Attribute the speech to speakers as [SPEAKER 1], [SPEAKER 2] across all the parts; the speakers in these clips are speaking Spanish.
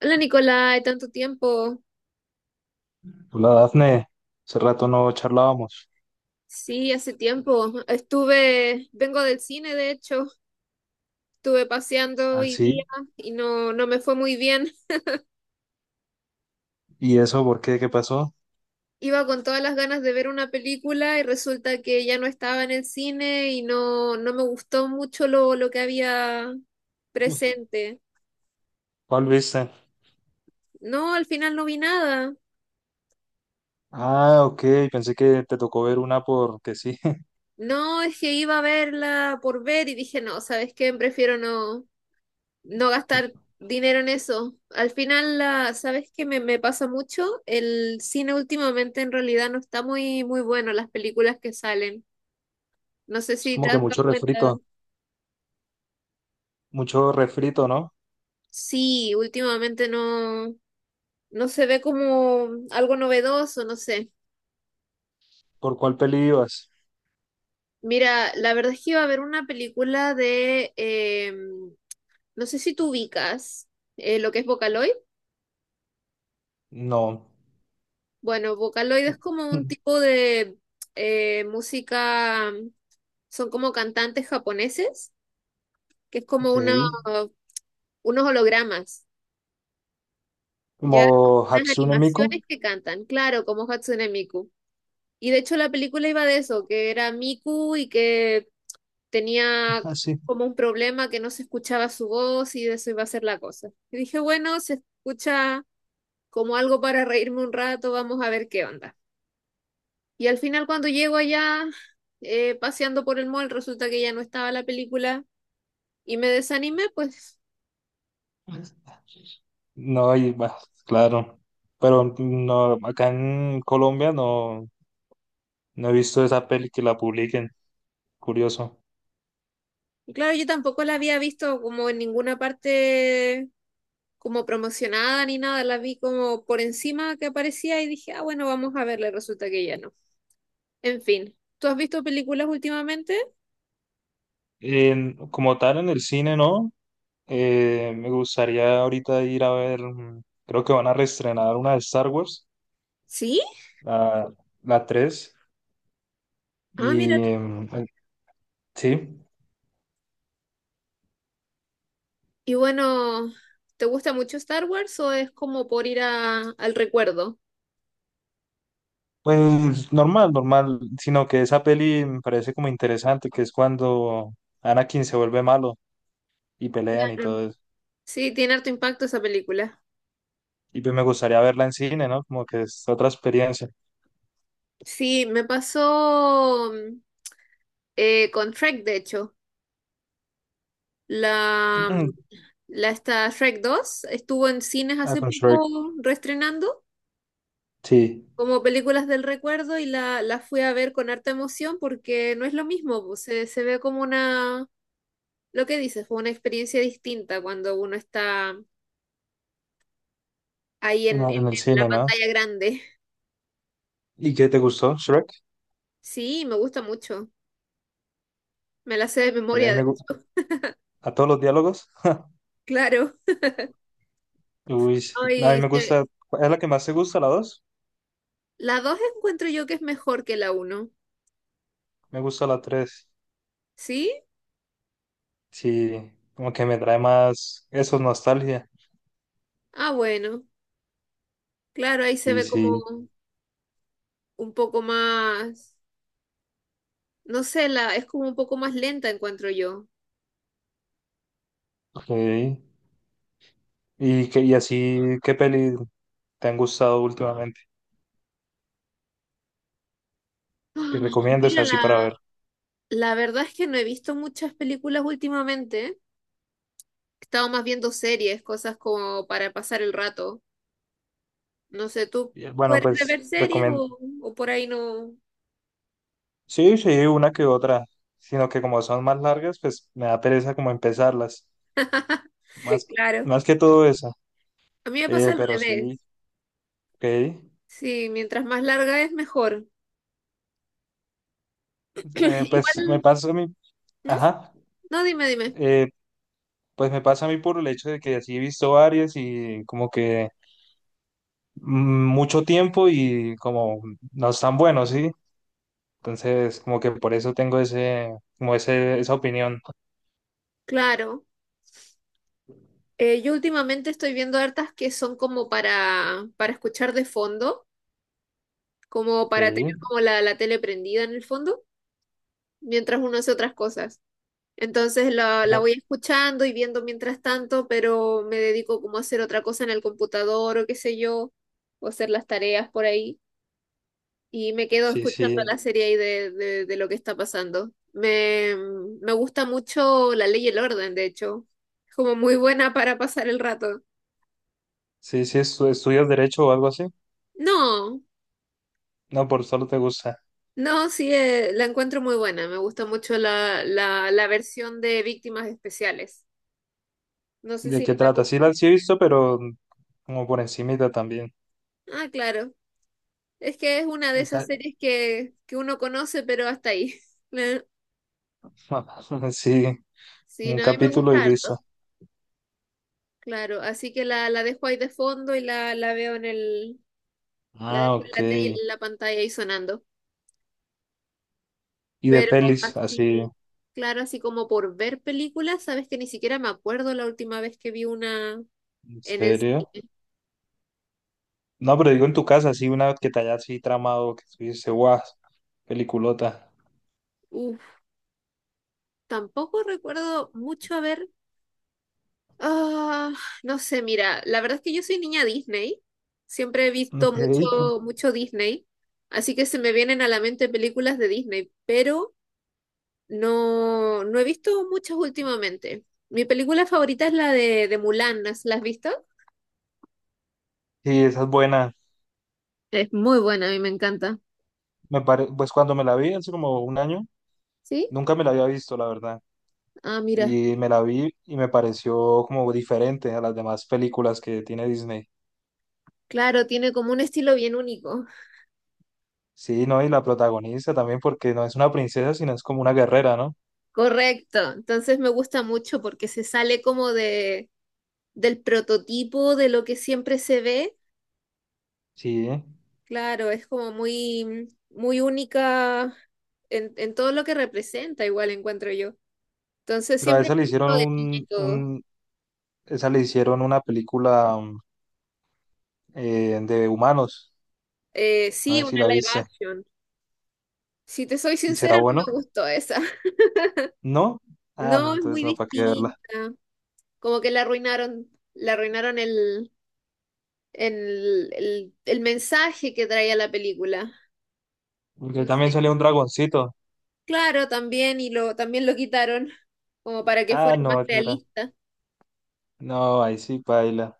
[SPEAKER 1] Hola Nicolai, tanto tiempo.
[SPEAKER 2] Hola Dafne, hace rato no charlábamos.
[SPEAKER 1] Sí, hace tiempo. Estuve, vengo del cine de hecho, estuve paseando
[SPEAKER 2] ¿Ah,
[SPEAKER 1] hoy día
[SPEAKER 2] sí?
[SPEAKER 1] y no, no me fue muy bien.
[SPEAKER 2] ¿Y eso por qué? ¿Qué pasó?
[SPEAKER 1] Iba con todas las ganas de ver una película y resulta que ya no estaba en el cine y no, no me gustó mucho lo que había presente.
[SPEAKER 2] ¿Cuál viste?
[SPEAKER 1] No, al final no vi nada.
[SPEAKER 2] Ah, ok, pensé que te tocó ver una porque sí.
[SPEAKER 1] No, es que iba a verla por ver y dije, no, ¿sabes qué? Prefiero no. No gastar dinero en eso. Al final, la, ¿sabes qué me pasa mucho? El cine últimamente en realidad no está muy, muy bueno, las películas que salen. No sé
[SPEAKER 2] Es
[SPEAKER 1] si te
[SPEAKER 2] como que
[SPEAKER 1] has dado cuenta.
[SPEAKER 2] mucho refrito, ¿no?
[SPEAKER 1] Sí, últimamente no, no se ve como algo novedoso, no sé.
[SPEAKER 2] ¿Por cuál peli ibas?
[SPEAKER 1] Mira, la verdad es que iba a ver una película de, no sé si tú ubicas lo que es Vocaloid.
[SPEAKER 2] No.
[SPEAKER 1] Bueno, Vocaloid es como un tipo de música, son como cantantes japoneses, que es como
[SPEAKER 2] Ok.
[SPEAKER 1] una, unos hologramas, ya,
[SPEAKER 2] ¿Como
[SPEAKER 1] unas
[SPEAKER 2] Hatsune Miku?
[SPEAKER 1] animaciones que cantan, claro, como Hatsune Miku. Y de hecho la película iba de eso, que era Miku y que tenía
[SPEAKER 2] Así.
[SPEAKER 1] como un problema que no se escuchaba su voz y de eso iba a ser la cosa. Y dije, bueno, se escucha como algo para reírme un rato, vamos a ver qué onda. Y al final cuando llego allá, paseando por el mall, resulta que ya no estaba la película y me desanimé, pues.
[SPEAKER 2] No, y bah, claro. Pero no, acá en Colombia no, no he visto esa peli que la publiquen. Curioso.
[SPEAKER 1] Y claro, yo tampoco la había visto como en ninguna parte como promocionada ni nada, la vi como por encima que aparecía y dije, ah, bueno, vamos a verla, y resulta que ya no. En fin, ¿tú has visto películas últimamente?
[SPEAKER 2] Como tal, en el cine, ¿no? Me gustaría ahorita ir a ver, mm, creo que van a reestrenar una de Star Wars,
[SPEAKER 1] Sí.
[SPEAKER 2] la, la 3
[SPEAKER 1] Ah, mira
[SPEAKER 2] y
[SPEAKER 1] tú.
[SPEAKER 2] sí,
[SPEAKER 1] Y bueno, ¿te gusta mucho Star Wars o es como por ir a- al recuerdo?
[SPEAKER 2] pues normal, normal, sino que esa peli me parece como interesante, que es cuando Anakin se vuelve malo y pelean y
[SPEAKER 1] Mm.
[SPEAKER 2] todo eso.
[SPEAKER 1] Sí, tiene harto impacto esa película.
[SPEAKER 2] Y pues me gustaría verla en cine, ¿no? Como que es otra experiencia.
[SPEAKER 1] Sí, me pasó con Shrek, de hecho. La, La está Shrek dos estuvo en cines
[SPEAKER 2] Ah,
[SPEAKER 1] hace
[SPEAKER 2] con Shrek,
[SPEAKER 1] poco reestrenando
[SPEAKER 2] sí,
[SPEAKER 1] como películas del recuerdo y la fui a ver con harta emoción porque no es lo mismo, pues, se ve como una, lo que dices, fue una experiencia distinta cuando uno está ahí
[SPEAKER 2] en el
[SPEAKER 1] en la
[SPEAKER 2] cine, ¿no?
[SPEAKER 1] pantalla grande.
[SPEAKER 2] ¿Y qué te gustó, Shrek?
[SPEAKER 1] Sí, me gusta mucho, me la sé de
[SPEAKER 2] Que
[SPEAKER 1] memoria,
[SPEAKER 2] ahí
[SPEAKER 1] de
[SPEAKER 2] me, gu-
[SPEAKER 1] hecho,
[SPEAKER 2] A todos los diálogos.
[SPEAKER 1] claro.
[SPEAKER 2] Uy, sí, a mí
[SPEAKER 1] Ay,
[SPEAKER 2] me
[SPEAKER 1] se-
[SPEAKER 2] gusta, es la que más te gusta, la dos.
[SPEAKER 1] la 2 encuentro yo que es mejor que la uno.
[SPEAKER 2] Me gusta la tres.
[SPEAKER 1] ¿Sí?
[SPEAKER 2] Sí, como que me trae más eso, nostalgia.
[SPEAKER 1] Ah, bueno, claro, ahí se
[SPEAKER 2] Sí,
[SPEAKER 1] ve
[SPEAKER 2] sí.
[SPEAKER 1] como un poco más. No sé, la, es como un poco más lenta, encuentro yo.
[SPEAKER 2] Ok. Y así, ¿qué peli te han gustado últimamente?
[SPEAKER 1] Ah,
[SPEAKER 2] Que recomiendes
[SPEAKER 1] mira,
[SPEAKER 2] así para ver.
[SPEAKER 1] la verdad es que no he visto muchas películas últimamente. He estado más viendo series, cosas como para pasar el rato. No sé, ¿tú
[SPEAKER 2] Bueno,
[SPEAKER 1] eres de
[SPEAKER 2] pues
[SPEAKER 1] ver series
[SPEAKER 2] recomiendo.
[SPEAKER 1] o por ahí no?
[SPEAKER 2] Sí, sí, una que otra. Sino que como son más largas, pues me da pereza como empezarlas. Más,
[SPEAKER 1] Claro.
[SPEAKER 2] más que todo esa.
[SPEAKER 1] A mí me pasa al
[SPEAKER 2] Pero sí,
[SPEAKER 1] revés.
[SPEAKER 2] ok.
[SPEAKER 1] Sí, mientras más larga es mejor.
[SPEAKER 2] Pues me
[SPEAKER 1] Igual,
[SPEAKER 2] pasa a mí.
[SPEAKER 1] ¿mm?
[SPEAKER 2] Ajá.
[SPEAKER 1] No, dime, dime.
[SPEAKER 2] Eh, Pues me pasa a mí por el hecho de que así he visto varias y como que mm, mucho tiempo y como no están buenos, ¿sí? Entonces, como que por eso tengo ese, esa opinión.
[SPEAKER 1] Claro. Yo últimamente estoy viendo hartas que son como para escuchar de fondo, como para tener
[SPEAKER 2] Ok,
[SPEAKER 1] como la tele prendida en el fondo, mientras uno hace otras cosas. Entonces la
[SPEAKER 2] como-
[SPEAKER 1] voy escuchando y viendo mientras tanto, pero me dedico como a hacer otra cosa en el computador o qué sé yo, o hacer las tareas por ahí, y me quedo
[SPEAKER 2] Sí,
[SPEAKER 1] escuchando
[SPEAKER 2] sí,
[SPEAKER 1] la serie ahí de lo que está pasando. Me gusta mucho La Ley y el Orden, de hecho. Es como muy buena para pasar el rato.
[SPEAKER 2] sí, sí, estudias derecho o algo así.
[SPEAKER 1] No,
[SPEAKER 2] No, por solo te gusta.
[SPEAKER 1] no, sí, la encuentro muy buena. Me gusta mucho la versión de víctimas especiales. No sé
[SPEAKER 2] ¿De
[SPEAKER 1] si
[SPEAKER 2] qué
[SPEAKER 1] la...
[SPEAKER 2] trata? Sí, la sí he visto, pero como por encimita también.
[SPEAKER 1] Ah, claro. Es que es una de
[SPEAKER 2] O
[SPEAKER 1] esas
[SPEAKER 2] sea,
[SPEAKER 1] series que uno conoce, pero hasta ahí. La-
[SPEAKER 2] sí,
[SPEAKER 1] Sí,
[SPEAKER 2] un
[SPEAKER 1] no, a mí me
[SPEAKER 2] capítulo y
[SPEAKER 1] gusta
[SPEAKER 2] listo.
[SPEAKER 1] harto. Claro, así que la dejo ahí de fondo y la veo en el... La
[SPEAKER 2] Ah,
[SPEAKER 1] dejo en la, tele-
[SPEAKER 2] ok.
[SPEAKER 1] en la pantalla ahí sonando.
[SPEAKER 2] Y de
[SPEAKER 1] Pero
[SPEAKER 2] pelis,
[SPEAKER 1] así,
[SPEAKER 2] así,
[SPEAKER 1] claro, así como por ver películas, sabes que ni siquiera me acuerdo la última vez que vi una
[SPEAKER 2] ¿en
[SPEAKER 1] en el
[SPEAKER 2] serio?
[SPEAKER 1] cine.
[SPEAKER 2] No, pero digo en tu casa, sí, una que te hayas así tramado, que tú dices, guau, peliculota.
[SPEAKER 1] Uf, tampoco recuerdo mucho haber. Ah, no sé, mira, la verdad es que yo soy niña Disney, siempre he visto
[SPEAKER 2] Ok.
[SPEAKER 1] mucho, mucho Disney, así que se me vienen a la mente películas de Disney, pero no, no he visto muchas últimamente. Mi película favorita es la de Mulan, ¿la has visto?
[SPEAKER 2] Sí, esa es buena.
[SPEAKER 1] Es muy buena, a mí me encanta.
[SPEAKER 2] Me pare... Pues cuando me la vi hace como un año,
[SPEAKER 1] ¿Sí?
[SPEAKER 2] nunca me la había visto, la verdad.
[SPEAKER 1] Ah, mira,
[SPEAKER 2] Y me la vi y me pareció como diferente a las demás películas que tiene Disney.
[SPEAKER 1] claro, tiene como un estilo bien único.
[SPEAKER 2] Sí, ¿no? Y la protagonista también, porque no es una princesa, sino es como una guerrera, ¿no?
[SPEAKER 1] Correcto, entonces me gusta mucho porque se sale como de, del prototipo de lo que siempre se ve.
[SPEAKER 2] Sí.
[SPEAKER 1] Claro, es como muy, muy única en todo lo que representa, igual encuentro yo. Entonces
[SPEAKER 2] Pero a
[SPEAKER 1] siempre
[SPEAKER 2] esa le
[SPEAKER 1] me gustó
[SPEAKER 2] hicieron
[SPEAKER 1] de niña y todo.
[SPEAKER 2] un... Esa le hicieron una película de humanos. No
[SPEAKER 1] Sí,
[SPEAKER 2] sé si
[SPEAKER 1] una
[SPEAKER 2] la
[SPEAKER 1] live
[SPEAKER 2] viste.
[SPEAKER 1] action. Si te soy
[SPEAKER 2] ¿Será
[SPEAKER 1] sincera, no
[SPEAKER 2] bueno?
[SPEAKER 1] me gustó esa.
[SPEAKER 2] ¿No? Ah, no,
[SPEAKER 1] No, es
[SPEAKER 2] entonces
[SPEAKER 1] muy
[SPEAKER 2] no, ¿para qué verla?
[SPEAKER 1] distinta. Como que la arruinaron el mensaje que traía la película.
[SPEAKER 2] Porque
[SPEAKER 1] No
[SPEAKER 2] también
[SPEAKER 1] sé.
[SPEAKER 2] salió un dragoncito.
[SPEAKER 1] Claro, también, también lo quitaron como para que
[SPEAKER 2] Ah,
[SPEAKER 1] fuera más
[SPEAKER 2] no, ese era.
[SPEAKER 1] realista.
[SPEAKER 2] No, ahí sí, paila.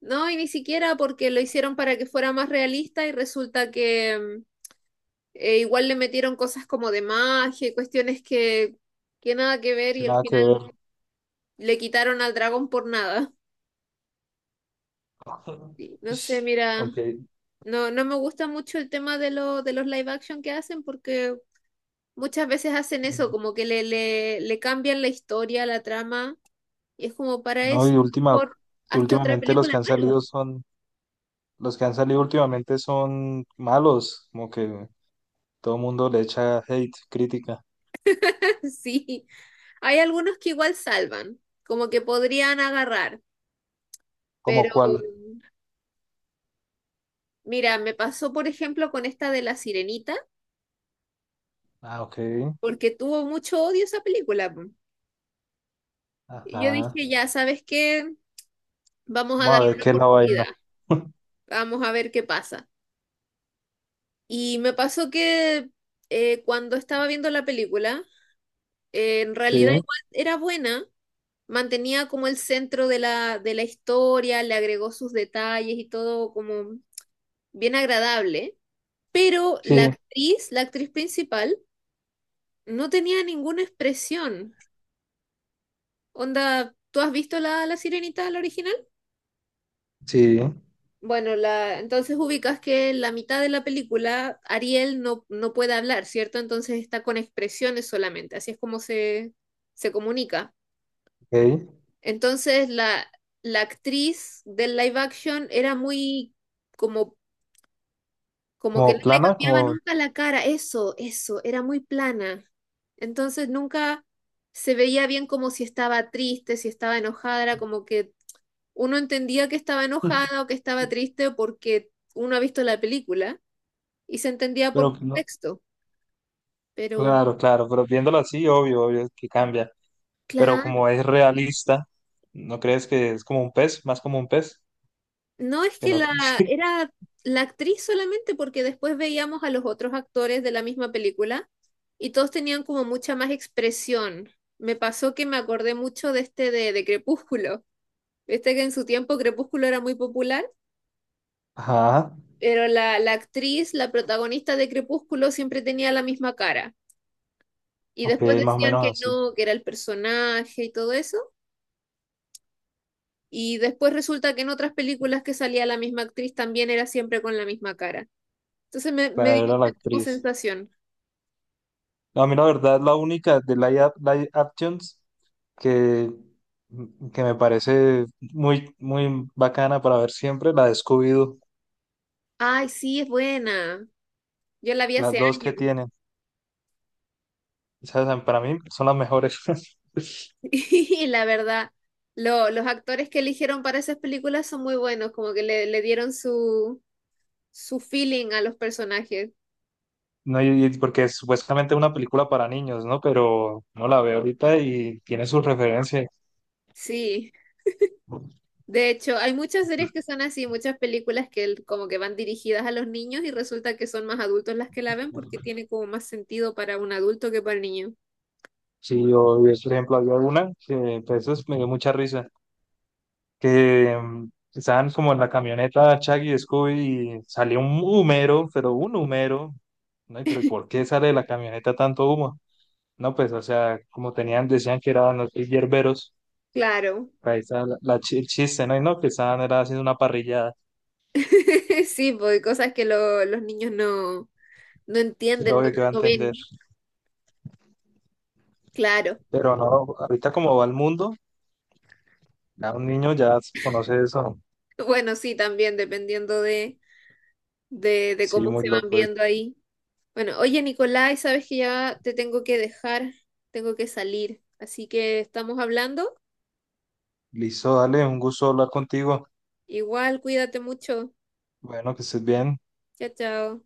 [SPEAKER 1] No, y ni siquiera porque lo hicieron para que fuera más realista y resulta que igual le metieron cosas como de magia y cuestiones que nada que ver y
[SPEAKER 2] Sin
[SPEAKER 1] al
[SPEAKER 2] nada que ver.
[SPEAKER 1] final le quitaron al dragón por nada. Y no sé, mira,
[SPEAKER 2] Aunque,
[SPEAKER 1] no, no me gusta mucho el tema de, lo, de los live action que hacen porque muchas veces hacen eso, como que le cambian la historia, la trama y es como para
[SPEAKER 2] no,
[SPEAKER 1] eso, por
[SPEAKER 2] y
[SPEAKER 1] hazte otra
[SPEAKER 2] últimamente los
[SPEAKER 1] película
[SPEAKER 2] que han
[SPEAKER 1] nueva.
[SPEAKER 2] salido son, los que han salido últimamente son malos, como que todo el mundo le echa hate, crítica.
[SPEAKER 1] Sí, hay algunos que igual salvan, como que podrían agarrar, pero
[SPEAKER 2] ¿Cómo cuál?
[SPEAKER 1] mira, me pasó por ejemplo con esta de La Sirenita,
[SPEAKER 2] Ah, ok.
[SPEAKER 1] porque tuvo mucho odio esa película. Po. Y yo
[SPEAKER 2] Ajá.
[SPEAKER 1] dije, ya, ¿sabes qué? Vamos a
[SPEAKER 2] Vamos a
[SPEAKER 1] darle
[SPEAKER 2] ver
[SPEAKER 1] una
[SPEAKER 2] qué es la vaina.
[SPEAKER 1] oportunidad, vamos a ver qué pasa. Y me pasó que cuando estaba viendo la película, en realidad
[SPEAKER 2] Sí,
[SPEAKER 1] igual era buena, mantenía como el centro de de la historia, le agregó sus detalles y todo como bien agradable. Pero
[SPEAKER 2] sí,
[SPEAKER 1] la actriz principal, no tenía ninguna expresión. Onda, ¿tú has visto la Sirenita, la original?
[SPEAKER 2] sí, ok.
[SPEAKER 1] Bueno, la, entonces ubicas que en la mitad de la película Ariel no, no puede hablar, ¿cierto? Entonces está con expresiones solamente, así es como se comunica. Entonces la actriz del live action era muy como. Como que
[SPEAKER 2] Como
[SPEAKER 1] no le
[SPEAKER 2] plana,
[SPEAKER 1] cambiaba
[SPEAKER 2] como...
[SPEAKER 1] nunca la cara, eso, era muy plana. Entonces nunca se veía bien como si estaba triste, si estaba enojada, era como que uno entendía que estaba enojada o que estaba triste porque uno ha visto la película y se entendía por
[SPEAKER 2] Pero no,
[SPEAKER 1] contexto. Pero,
[SPEAKER 2] claro, claro, pero viéndolo así, obvio, obvio que cambia. Pero
[SPEAKER 1] claro,
[SPEAKER 2] como es realista, ¿no crees que es como un pez? Más como un pez.
[SPEAKER 1] no es
[SPEAKER 2] Que
[SPEAKER 1] que
[SPEAKER 2] no...
[SPEAKER 1] la
[SPEAKER 2] sí,
[SPEAKER 1] era la actriz solamente porque después veíamos a los otros actores de la misma película y todos tenían como mucha más expresión. Me pasó que me acordé mucho de este de Crepúsculo. Viste que en su tiempo Crepúsculo era muy popular,
[SPEAKER 2] ajá,
[SPEAKER 1] pero la actriz, la protagonista de Crepúsculo siempre tenía la misma cara. Y
[SPEAKER 2] ok,
[SPEAKER 1] después
[SPEAKER 2] más o
[SPEAKER 1] decían
[SPEAKER 2] menos
[SPEAKER 1] que
[SPEAKER 2] así.
[SPEAKER 1] no, que era el personaje y todo eso. Y después resulta que en otras películas que salía la misma actriz también era siempre con la misma cara. Entonces me dio
[SPEAKER 2] Claro, era la
[SPEAKER 1] esa como
[SPEAKER 2] actriz.
[SPEAKER 1] sensación.
[SPEAKER 2] No, a mí la verdad, la única de live actions que, mm, que me parece muy, muy bacana para ver siempre, la de Scooby-Doo.
[SPEAKER 1] Ay, sí, es buena. Yo la vi
[SPEAKER 2] Las
[SPEAKER 1] hace
[SPEAKER 2] dos
[SPEAKER 1] años.
[SPEAKER 2] que tienen, ¿sabes? Para mí son las mejores.
[SPEAKER 1] Y la verdad, lo- los actores que eligieron para esas películas son muy buenos, como que le, dieron su, su feeling a los personajes.
[SPEAKER 2] No, y porque es supuestamente una película para niños, ¿no? Pero no la veo ahorita y tiene sus referencias.
[SPEAKER 1] Sí, de hecho, hay muchas series que son así, muchas películas que el- como que van dirigidas a los niños y resulta que son más adultos las que la ven porque tiene como más sentido para un adulto que para el niño.
[SPEAKER 2] Sí, yo, por ejemplo, había una que pues, me dio mucha risa, que mm, estaban como en la camioneta Chucky y Scooby y salió un humero, pero un humero. No, y, pero ¿y por qué sale de la camioneta tanto humo? No, pues, o sea, como tenían, decían que eran los hierberos,
[SPEAKER 1] Claro.
[SPEAKER 2] ahí está el chiste, ¿no? Y no, que estaban era haciendo una parrillada,
[SPEAKER 1] Sí, porque cosas que lo- los niños no, no
[SPEAKER 2] es
[SPEAKER 1] entienden, no
[SPEAKER 2] obvio que va a
[SPEAKER 1] no
[SPEAKER 2] entender.
[SPEAKER 1] ven. Claro.
[SPEAKER 2] Pero no, ahorita como va el mundo. Ya un niño ya conoce eso.
[SPEAKER 1] Bueno, sí, también dependiendo de
[SPEAKER 2] Sí,
[SPEAKER 1] cómo
[SPEAKER 2] muy
[SPEAKER 1] se van
[SPEAKER 2] loco. Eh.
[SPEAKER 1] viendo ahí. Bueno, oye, Nicolás, sabes que ya te tengo que dejar, tengo que salir. Así que estamos hablando.
[SPEAKER 2] Listo, dale, un gusto hablar contigo.
[SPEAKER 1] Igual, cuídate mucho.
[SPEAKER 2] Bueno, que estés bien.
[SPEAKER 1] Chao, chao.